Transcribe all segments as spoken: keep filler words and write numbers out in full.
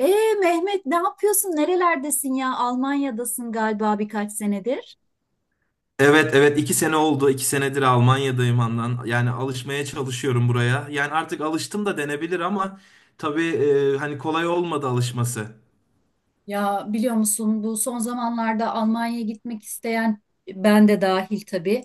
Ee Mehmet, ne yapıyorsun? Nerelerdesin ya? Almanya'dasın galiba birkaç senedir. Evet, evet, iki sene oldu. iki senedir Almanya'dayım andan. Yani alışmaya çalışıyorum buraya. Yani artık alıştım da denebilir ama tabii, e, hani kolay olmadı alışması. Ya, biliyor musun, bu son zamanlarda Almanya'ya gitmek isteyen, ben de dahil tabii,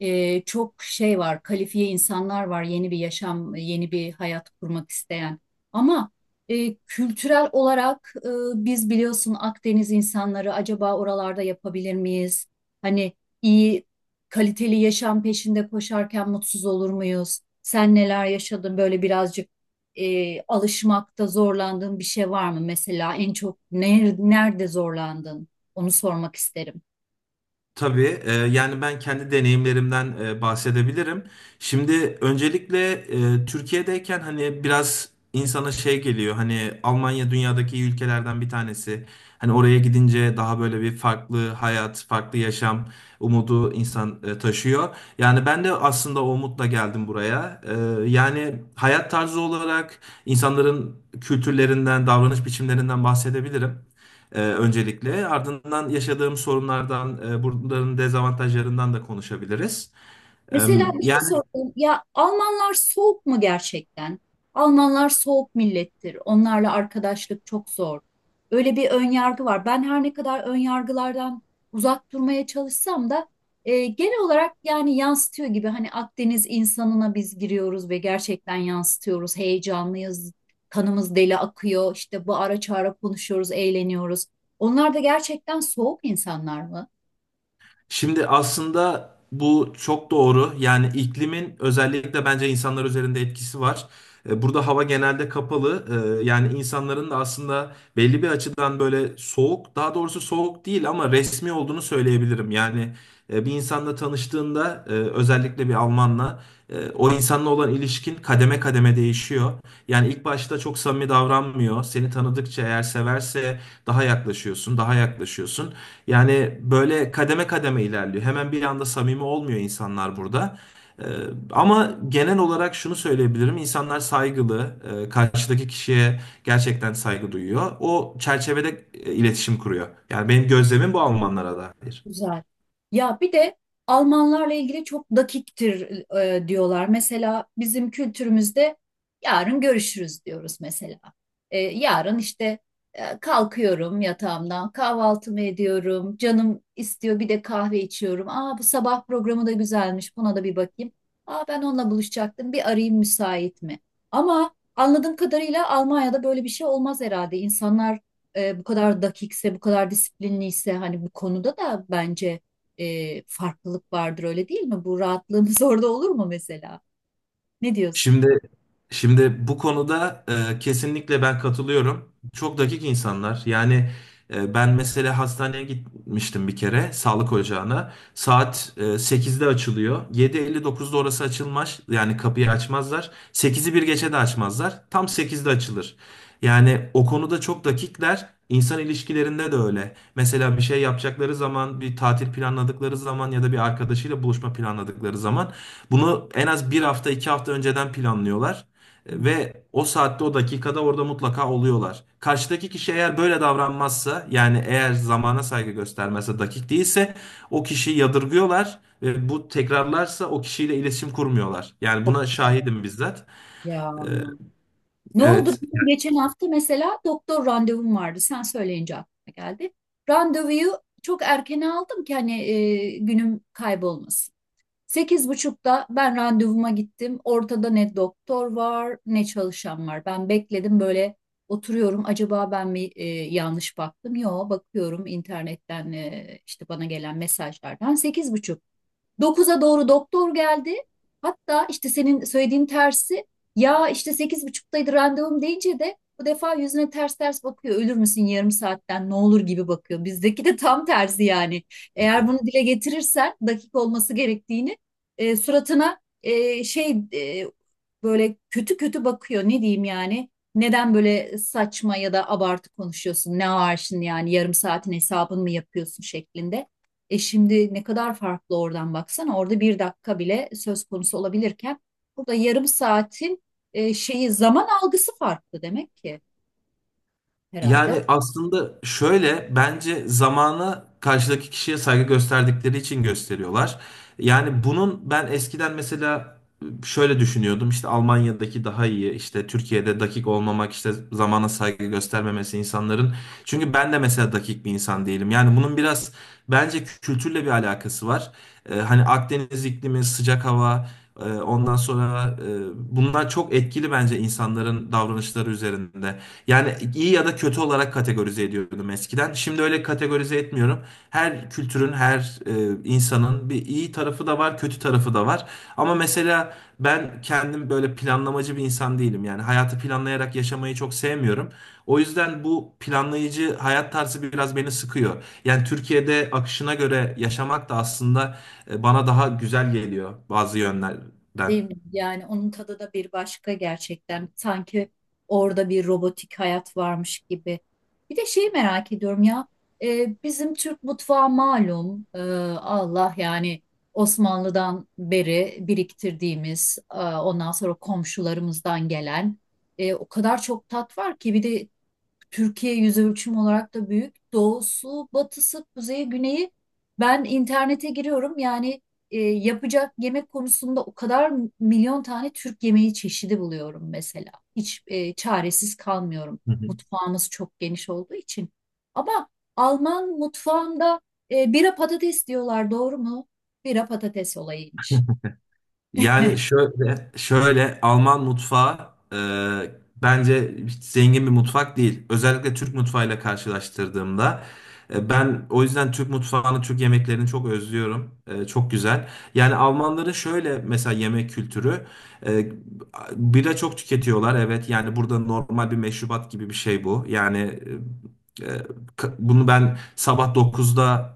e, çok şey var, kalifiye insanlar var, yeni bir yaşam, yeni bir hayat kurmak isteyen. Ama e, kültürel olarak, e, biz biliyorsun Akdeniz insanları, acaba oralarda yapabilir miyiz? Hani iyi kaliteli yaşam peşinde koşarken mutsuz olur muyuz? Sen neler yaşadın böyle? Birazcık e, alışmakta zorlandığın bir şey var mı? Mesela en çok ner- nerede zorlandın? Onu sormak isterim. Tabii, e, yani ben kendi deneyimlerimden e, bahsedebilirim. Şimdi öncelikle e, Türkiye'deyken hani biraz insana şey geliyor. Hani Almanya dünyadaki iyi ülkelerden bir tanesi. Hani oraya gidince daha böyle bir farklı hayat, farklı yaşam umudu insan e, taşıyor. Yani ben de aslında o umutla geldim buraya. E, yani hayat tarzı olarak insanların kültürlerinden, davranış biçimlerinden bahsedebilirim. Ee, öncelikle ardından yaşadığım sorunlardan, e, bunların dezavantajlarından da konuşabiliriz. Ee, Mesela bir şey Yani sorayım. Ya, Almanlar soğuk mu gerçekten? Almanlar soğuk millettir. Onlarla arkadaşlık çok zor. Öyle bir ön yargı var. Ben her ne kadar ön yargılardan uzak durmaya çalışsam da e, genel olarak yani yansıtıyor gibi, hani Akdeniz insanına biz giriyoruz ve gerçekten yansıtıyoruz. Heyecanlıyız. Kanımız deli akıyor. İşte bu ara çağıra konuşuyoruz, eğleniyoruz. Onlar da gerçekten soğuk insanlar mı? şimdi aslında bu çok doğru. Yani iklimin özellikle bence insanlar üzerinde etkisi var. E, Burada hava genelde kapalı. E, Yani insanların da aslında belli bir açıdan böyle soğuk, daha doğrusu soğuk değil ama resmi olduğunu söyleyebilirim. Yani e, bir insanla tanıştığında, e, özellikle bir Almanla, e, o insanla olan ilişkin kademe kademe değişiyor. Yani ilk başta çok samimi davranmıyor. Seni tanıdıkça eğer severse daha yaklaşıyorsun, daha yaklaşıyorsun. Yani böyle kademe kademe ilerliyor. Hemen bir anda samimi olmuyor insanlar burada. Ee, Ama genel olarak şunu söyleyebilirim. İnsanlar saygılı, e, karşıdaki kişiye gerçekten saygı duyuyor. O çerçevede e, iletişim kuruyor. Yani benim gözlemim bu Almanlara dair. Güzel. Ya, bir de Almanlarla ilgili çok dakiktir e, diyorlar. Mesela bizim kültürümüzde yarın görüşürüz diyoruz mesela. E, yarın işte, e, kalkıyorum yatağımdan, kahvaltımı ediyorum, canım istiyor, bir de kahve içiyorum. Aa, bu sabah programı da güzelmiş, buna da bir bakayım. Aa, ben onunla buluşacaktım, bir arayayım müsait mi? Ama anladığım kadarıyla Almanya'da böyle bir şey olmaz herhalde. İnsanlar e, bu kadar dakikse, bu kadar disiplinliyse, hani bu konuda da bence e, farklılık vardır, öyle değil mi? Bu rahatlığımız orada olur mu mesela? Ne diyorsun? Şimdi şimdi bu konuda, e, kesinlikle ben katılıyorum. Çok dakik insanlar. Yani e, ben mesela hastaneye gitmiştim bir kere sağlık ocağına. Saat e, sekizde açılıyor. Yedi elli dokuzda orası açılmaz. Yani kapıyı açmazlar. Sekizi bir geçe de açmazlar. Tam sekizde açılır. Yani o konuda çok dakikler. İnsan ilişkilerinde de öyle. Mesela bir şey yapacakları zaman, bir tatil planladıkları zaman ya da bir arkadaşıyla buluşma planladıkları zaman bunu en az bir hafta iki hafta önceden planlıyorlar. Hı. E, ve o saatte o dakikada orada mutlaka oluyorlar. Karşıdaki kişi eğer böyle davranmazsa, yani eğer zamana saygı göstermezse, dakik değilse, o kişiyi yadırgıyorlar ve bu tekrarlarsa o kişiyle iletişim kurmuyorlar. Yani Çok buna güzel. şahidim bizzat. Ya, E, ne oldu? Evet. Benim geçen hafta mesela doktor randevum vardı. Sen söyleyince aklıma geldi. Randevuyu çok erken aldım ki hani e, günüm kaybolmasın. Sekiz buçukta ben randevuma gittim. Ortada ne doktor var ne çalışan var. Ben bekledim, böyle oturuyorum. Acaba ben mi e, yanlış baktım? Yo, bakıyorum internetten, e, işte bana gelen mesajlardan. Sekiz buçuk. dokuza doğru doktor geldi. Hatta işte senin söylediğin tersi. Ya işte sekiz buçuktaydı randevum deyince de bu defa yüzüne ters ters bakıyor. Ölür müsün, yarım saatten ne olur gibi bakıyor. Bizdeki de tam tersi yani. Eğer bunu dile getirirsen dakik olması gerektiğini, e, suratına, e, şey e, böyle kötü kötü bakıyor. Ne diyeyim yani? Neden böyle saçma ya da abartı konuşuyorsun? Ne var yani, yarım saatin hesabını mı yapıyorsun şeklinde. E şimdi ne kadar farklı, oradan baksana. Orada bir dakika bile söz konusu olabilirken burada yarım saatin e, şeyi zaman algısı farklı, demek ki herhalde. Yani aslında şöyle, bence zamana karşıdaki kişiye saygı gösterdikleri için gösteriyorlar. Yani bunun ben eskiden mesela şöyle düşünüyordum, işte Almanya'daki daha iyi, işte Türkiye'de dakik olmamak, işte zamana saygı göstermemesi insanların. Çünkü ben de mesela dakik bir insan değilim. Yani bunun biraz bence kültürle bir alakası var. Ee, hani Akdeniz iklimi, sıcak hava, e, ondan sonra, e, bunlar çok etkili bence insanların davranışları üzerinde. Yani iyi ya da kötü olarak kategorize ediyordum eskiden. Şimdi öyle kategorize etmiyorum. Her kültürün, her e, insanın bir iyi tarafı da var, kötü tarafı da var. Ama mesela ben kendim böyle planlamacı bir insan değilim. Yani hayatı planlayarak yaşamayı çok sevmiyorum. O yüzden bu planlayıcı hayat tarzı biraz beni sıkıyor. Yani Türkiye'de akışına göre yaşamak da aslında e, bana daha güzel geliyor bazı Değil yönlerden. mi? Yani onun tadı da bir başka gerçekten. Sanki orada bir robotik hayat varmış gibi. Bir de şeyi merak ediyorum ya. E, bizim Türk mutfağı malum. e, Allah, yani Osmanlı'dan beri biriktirdiğimiz, e, ondan sonra komşularımızdan gelen, e, o kadar çok tat var ki, bir de Türkiye yüz ölçümü olarak da büyük. Doğusu, batısı, kuzeyi, güneyi. Ben internete giriyorum. Yani e, yapacak yemek konusunda o kadar milyon tane Türk yemeği çeşidi buluyorum mesela. Hiç e, çaresiz kalmıyorum. Mutfağımız çok geniş olduğu için. Ama Alman mutfağında e, bira patates diyorlar, doğru mu? Bira patates olayıymış. Yani şöyle, şöyle Alman mutfağı e, bence hiç zengin bir mutfak değil. Özellikle Türk mutfağıyla karşılaştırdığımda e, ben o yüzden Türk mutfağını, Türk yemeklerini çok özlüyorum. E, çok güzel. Yani Almanların şöyle mesela yemek kültürü, e, bira çok tüketiyorlar. Evet, yani burada normal bir meşrubat gibi bir şey bu. Yani e, e, ka- bunu ben sabah dokuzda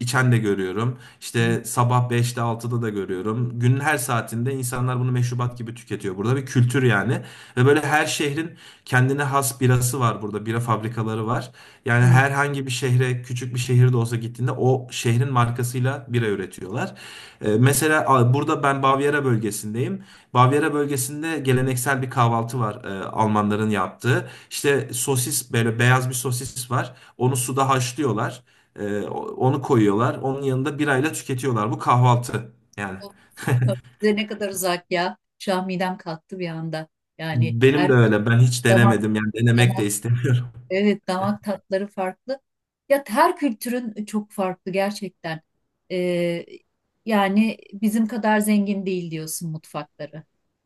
içen de görüyorum. Hı İşte sabah beşte altıda da görüyorum. Günün her saatinde insanlar bunu meşrubat gibi tüketiyor. Burada bir kültür yani. Ve böyle her şehrin kendine has birası var burada. Bira fabrikaları var. Yani hı. herhangi bir şehre, küçük bir şehir de olsa gittiğinde o şehrin markasıyla bira üretiyorlar. Ee, mesela a, burada ben Bavyera bölgesindeyim. Bavyera bölgesinde geleneksel bir kahvaltı var, e, Almanların yaptığı. İşte sosis, böyle beyaz bir sosis var. Onu suda haşlıyorlar. Ee, o- onu koyuyorlar. Onun yanında birayla tüketiyorlar. Bu kahvaltı yani. Size ne kadar uzak ya. Şu an midem kalktı bir anda. Yani Benim her de öyle. Ben hiç zaman. denemedim. Yani denemek de istemiyorum. Evet, damak tatları farklı. Ya, her kültürün çok farklı gerçekten. Ee, Yani bizim kadar zengin değil diyorsun mutfakları.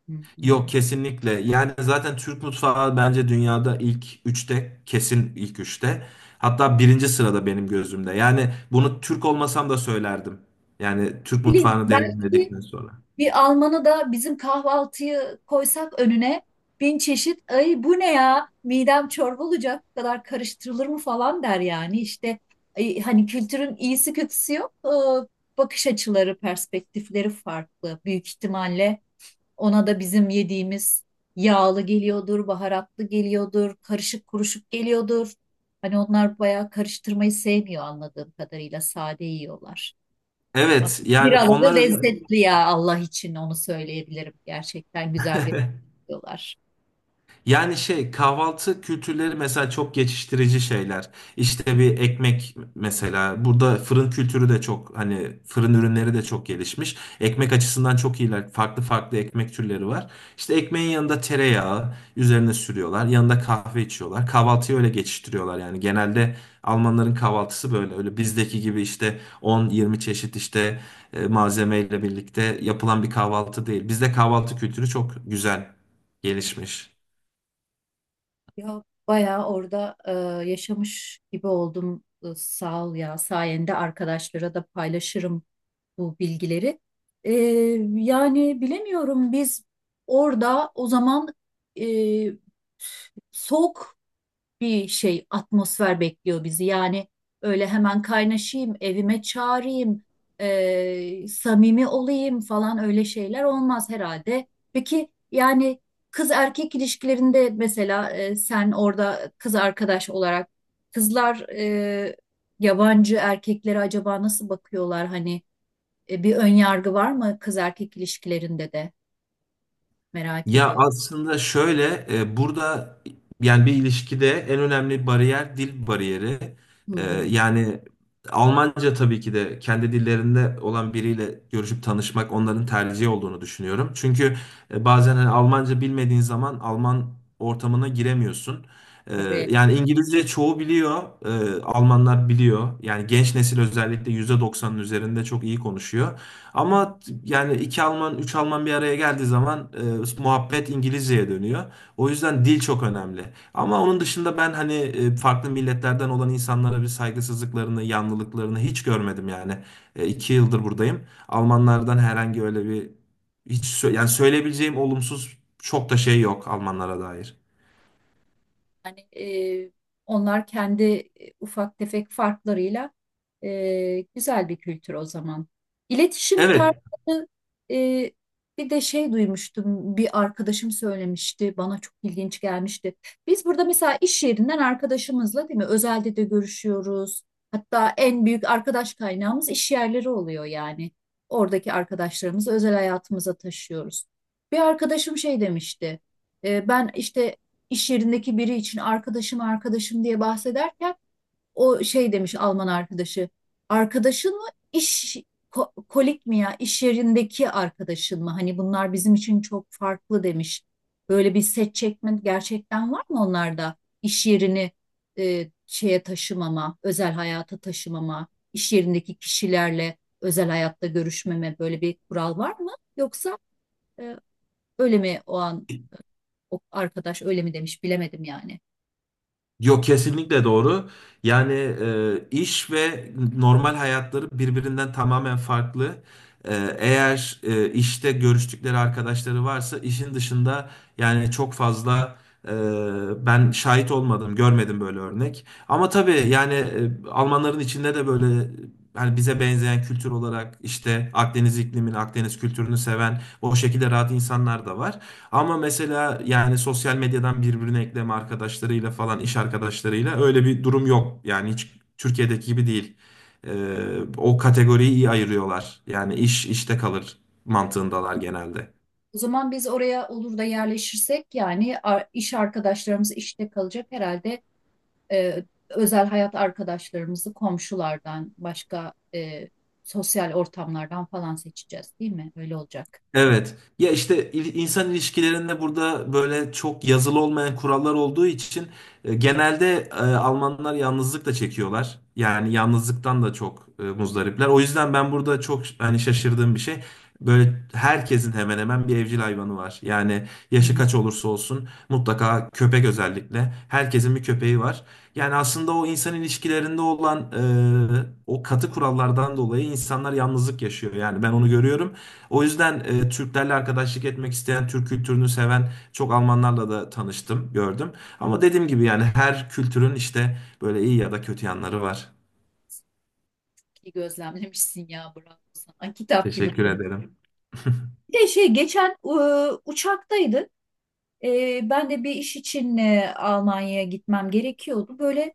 Hı hı. Yok, kesinlikle. Yani zaten Türk mutfağı bence dünyada ilk üçte. Kesin ilk üçte. Hatta birinci sırada benim gözümde. Yani bunu Türk olmasam da söylerdim. Yani Türk Bileyim, mutfağını belki deneyimledikten sonra. bir Alman'a da bizim kahvaltıyı koysak önüne, bin çeşit, ay bu ne ya, midem çorba olacak, bu kadar karıştırılır mı falan der yani işte. Ay, hani kültürün iyisi kötüsü yok. Ee, bakış açıları, perspektifleri farklı, büyük ihtimalle. Ona da bizim yediğimiz yağlı geliyordur, baharatlı geliyordur, karışık kuruşuk geliyordur. Hani onlar bayağı karıştırmayı sevmiyor, anladığım kadarıyla sade yiyorlar. Ama Evet, yani biraları onlar özel. lezzetli ya, Allah için onu söyleyebilirim. Gerçekten güzel bir yiyorlar. Yani şey, kahvaltı kültürleri mesela çok geçiştirici şeyler. İşte bir ekmek mesela, burada fırın kültürü de çok, hani fırın ürünleri de çok gelişmiş. Ekmek açısından çok iyiler. Farklı farklı ekmek türleri var. İşte ekmeğin yanında tereyağı üzerine sürüyorlar. Yanında kahve içiyorlar. Kahvaltıyı öyle geçiştiriyorlar yani. Genelde Almanların kahvaltısı böyle. Öyle bizdeki gibi işte on yirmi çeşit işte e, malzemeyle birlikte yapılan bir kahvaltı değil. Bizde kahvaltı kültürü çok güzel gelişmiş. Ya, bayağı orada e, yaşamış gibi oldum. E, Sağ ol ya, sayende arkadaşlara da paylaşırım bu bilgileri. Ee, Yani bilemiyorum, biz orada o zaman e, soğuk bir şey, atmosfer bekliyor bizi. Yani öyle hemen kaynaşayım, evime çağırayım, e, samimi olayım falan, öyle şeyler olmaz herhalde. Peki yani, kız erkek ilişkilerinde mesela e, sen orada kız arkadaş olarak, kızlar e, yabancı erkeklere acaba nasıl bakıyorlar hani? E, bir ön yargı var mı kız erkek ilişkilerinde de, merak Ya ediyorum. aslında şöyle, e, burada yani bir ilişkide en önemli bariyer dil bariyeri. Hı E, hı. Yani Almanca, tabii ki de kendi dillerinde olan biriyle görüşüp tanışmak onların tercihi olduğunu düşünüyorum. Çünkü e, bazen hani Almanca bilmediğin zaman Alman ortamına giremiyorsun. E, Tabii. Yani İngilizce çoğu biliyor, e, Almanlar biliyor. Yani genç nesil özellikle yüzde doksanın üzerinde çok iyi konuşuyor. Ama yani iki Alman, üç Alman bir araya geldiği zaman e, muhabbet İngilizceye dönüyor. O yüzden dil çok önemli. Ama onun dışında ben hani e, farklı milletlerden olan insanlara bir saygısızlıklarını, yanlılıklarını hiç görmedim yani. E, iki yıldır buradayım. Almanlardan herhangi öyle bir hiç sö- yani söyleyebileceğim olumsuz çok da şey yok Almanlara dair. Yani e, onlar kendi e, ufak tefek farklarıyla, e, güzel bir kültür o zaman. İletişim Evet. tarzı. E, bir de şey duymuştum, bir arkadaşım söylemişti, bana çok ilginç gelmişti. Biz burada mesela iş yerinden arkadaşımızla, değil mi, özelde de görüşüyoruz. Hatta en büyük arkadaş kaynağımız iş yerleri oluyor yani. Oradaki arkadaşlarımızı özel hayatımıza taşıyoruz. Bir arkadaşım şey demişti. E, ben işte iş yerindeki biri için arkadaşım arkadaşım diye bahsederken o şey demiş Alman arkadaşı. Arkadaşın mı, iş ko- kolik mi ya, iş yerindeki arkadaşın mı? Hani bunlar bizim için çok farklı demiş. Böyle bir set çekme gerçekten var mı onlarda? İş yerini e, şeye taşımama, özel hayata taşımama, iş yerindeki kişilerle özel hayatta görüşmeme, böyle bir kural var mı? Yoksa e, öyle mi, o an o arkadaş öyle mi demiş, bilemedim yani. Yok, kesinlikle doğru. Yani e, iş ve normal hayatları birbirinden tamamen farklı. E, eğer e, işte görüştükleri arkadaşları varsa işin dışında, yani çok fazla, e, ben şahit olmadım, görmedim böyle örnek. Ama tabii yani e, Almanların içinde de böyle hani bize benzeyen kültür olarak işte Akdeniz iklimini, Akdeniz kültürünü seven, o şekilde rahat insanlar da var. Ama mesela yani sosyal medyadan birbirine ekleme arkadaşlarıyla falan, iş arkadaşlarıyla öyle bir durum yok. Yani hiç Türkiye'deki gibi değil. Ee, O kategoriyi iyi ayırıyorlar. Yani iş işte kalır mantığındalar genelde. O zaman biz oraya olur da yerleşirsek, yani ar- iş arkadaşlarımız işte kalacak herhalde, e, özel hayat arkadaşlarımızı komşulardan başka, e, sosyal ortamlardan falan seçeceğiz, değil mi? Öyle olacak. Evet. Ya işte il- insan ilişkilerinde burada böyle çok yazılı olmayan kurallar olduğu için e, genelde e, Almanlar yalnızlık da çekiyorlar. Yani yalnızlıktan da çok e, muzdaripler. O yüzden ben burada çok, hani şaşırdığım bir şey. Böyle herkesin hemen hemen bir evcil hayvanı var. Yani yaşı Hmm. kaç olursa olsun mutlaka köpek, özellikle herkesin bir köpeği var. Yani aslında o insan ilişkilerinde olan e, o katı kurallardan dolayı insanlar yalnızlık yaşıyor. Yani ben onu görüyorum. O yüzden e, Türklerle arkadaşlık etmek isteyen, Türk kültürünü seven çok Almanlarla da tanıştım, gördüm. Ama dediğim gibi yani her kültürün işte böyle iyi ya da kötü yanları var. İyi gözlemlemişsin ya, bravo sana. Kitap gibi Teşekkür konu. ederim. Bir de şey geçen e, uçaktaydık. E, ben de bir iş için e, Almanya'ya gitmem gerekiyordu. Böyle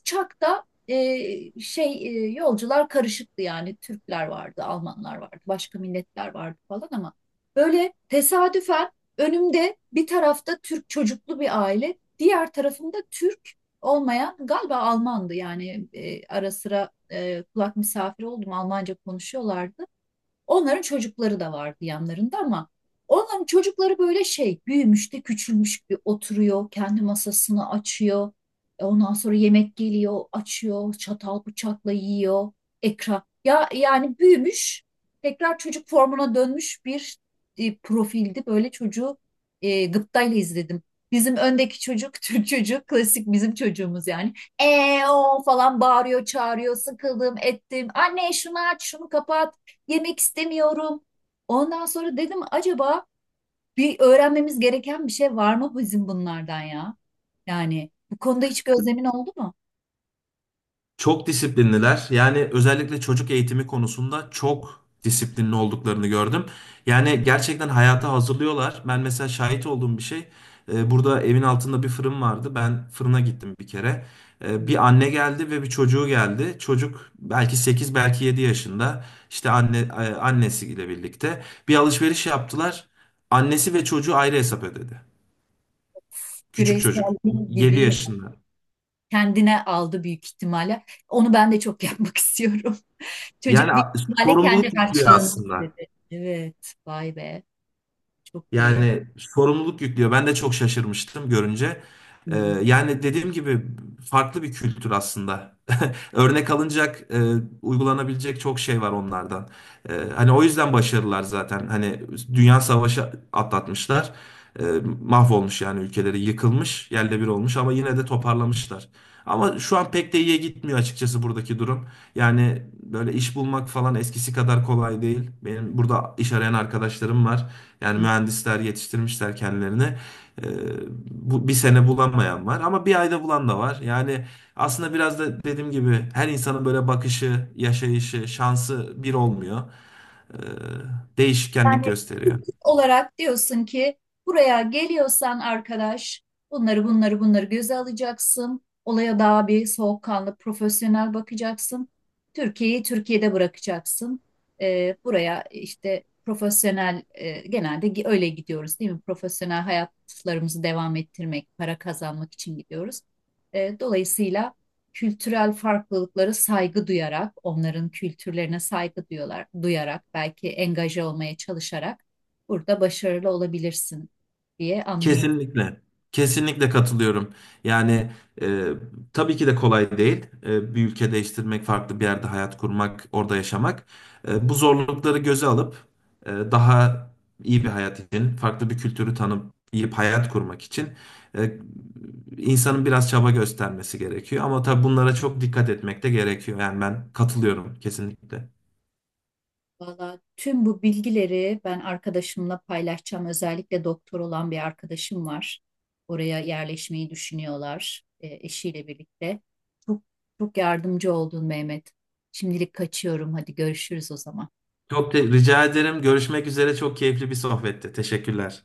uçakta, e, şey e, yolcular karışıktı, yani Türkler vardı, Almanlar vardı, başka milletler vardı falan. Ama böyle tesadüfen önümde, bir tarafta Türk çocuklu bir aile, diğer tarafında Türk olmayan, galiba Almandı yani, e, ara sıra e, kulak misafiri oldum, Almanca konuşuyorlardı. Onların çocukları da vardı yanlarında ama onların çocukları böyle, şey büyümüş de küçülmüş gibi oturuyor. Kendi masasını açıyor. E, Ondan sonra yemek geliyor, açıyor, çatal bıçakla yiyor. Ekran. Ya yani, büyümüş, tekrar çocuk formuna dönmüş bir e, profildi. Böyle çocuğu e, gıptayla izledim. Bizim öndeki çocuk, Türk çocuğu, klasik bizim çocuğumuz yani. E O falan bağırıyor, çağırıyor, sıkıldım ettim. Anne şunu aç, şunu kapat, yemek istemiyorum. Ondan sonra dedim, acaba bir öğrenmemiz gereken bir şey var mı bizim bunlardan ya? Yani bu konuda hiç gözlemin oldu mu? Çok disiplinliler. Yani özellikle çocuk eğitimi konusunda çok disiplinli olduklarını gördüm. Yani gerçekten hayata hazırlıyorlar. Ben mesela şahit olduğum bir şey. E, burada evin altında bir fırın vardı. Ben fırına gittim bir kere. E, bir anne geldi ve bir çocuğu geldi. Çocuk belki sekiz, belki yedi yaşında. İşte anne, e, annesiyle birlikte bir alışveriş yaptılar. Annesi ve çocuğu ayrı hesap ödedi. Küçük çocuk, Bireyselliği gibi yedi ya. yaşında. Kendine aldı büyük ihtimalle. Onu ben de çok yapmak istiyorum. Çocuk Yani büyük a- ihtimalle kendi Sorumluluk yüklüyor harçlığını aslında. istedi. Evet, vay be, çok iyi. Yani sorumluluk yüklüyor. Ben de çok şaşırmıştım görünce. Hı Ee, Yani dediğim gibi, farklı bir kültür aslında. Örnek alınacak, e, uygulanabilecek çok şey var onlardan. E, hani o yüzden başarılar zaten. Hani dünya savaşı atlatmışlar. E, mahvolmuş yani, ülkeleri yıkılmış, yerle bir olmuş, ama yine de toparlamışlar. Ama şu an pek de iyiye gitmiyor açıkçası buradaki durum. Yani böyle iş bulmak falan eskisi kadar kolay değil. Benim burada iş arayan arkadaşlarım var. Yani mühendisler yetiştirmişler kendilerini. Ee, Bu bir sene bulamayan var ama bir ayda bulan da var. Yani aslında biraz da dediğim gibi, her insanın böyle bakışı, yaşayışı, şansı bir olmuyor. Ee, hı. Değişkenlik gösteriyor. Olarak diyorsun ki buraya geliyorsan arkadaş, bunları bunları bunları göze alacaksın. Olaya daha bir soğukkanlı, profesyonel bakacaksın. Türkiye'yi Türkiye'de bırakacaksın. Ee, buraya işte profesyonel, e, genelde gi- öyle gidiyoruz değil mi? Profesyonel hayatlarımızı devam ettirmek, para kazanmak için gidiyoruz. Ee, dolayısıyla kültürel farklılıklara saygı duyarak, onların kültürlerine saygı duyuyorlar, duyarak, belki engaje olmaya çalışarak burada başarılı olabilirsin diye anlıyorum. Kesinlikle. Kesinlikle katılıyorum. Yani e, tabii ki de kolay değil. E, bir ülke değiştirmek, farklı bir yerde hayat kurmak, orada yaşamak. E, bu zorlukları göze alıp, e, daha iyi bir hayat için, farklı bir kültürü tanıp iyi bir hayat kurmak için, e, insanın biraz çaba göstermesi gerekiyor. Ama tabii bunlara çok dikkat etmek de gerekiyor. Yani ben katılıyorum kesinlikle. Valla tüm bu bilgileri ben arkadaşımla paylaşacağım. Özellikle doktor olan bir arkadaşım var. Oraya yerleşmeyi düşünüyorlar e, eşiyle birlikte. Çok çok yardımcı oldun Mehmet. Şimdilik kaçıyorum. Hadi görüşürüz o zaman. Çok te- rica ederim. Görüşmek üzere. Çok keyifli bir sohbetti. Teşekkürler.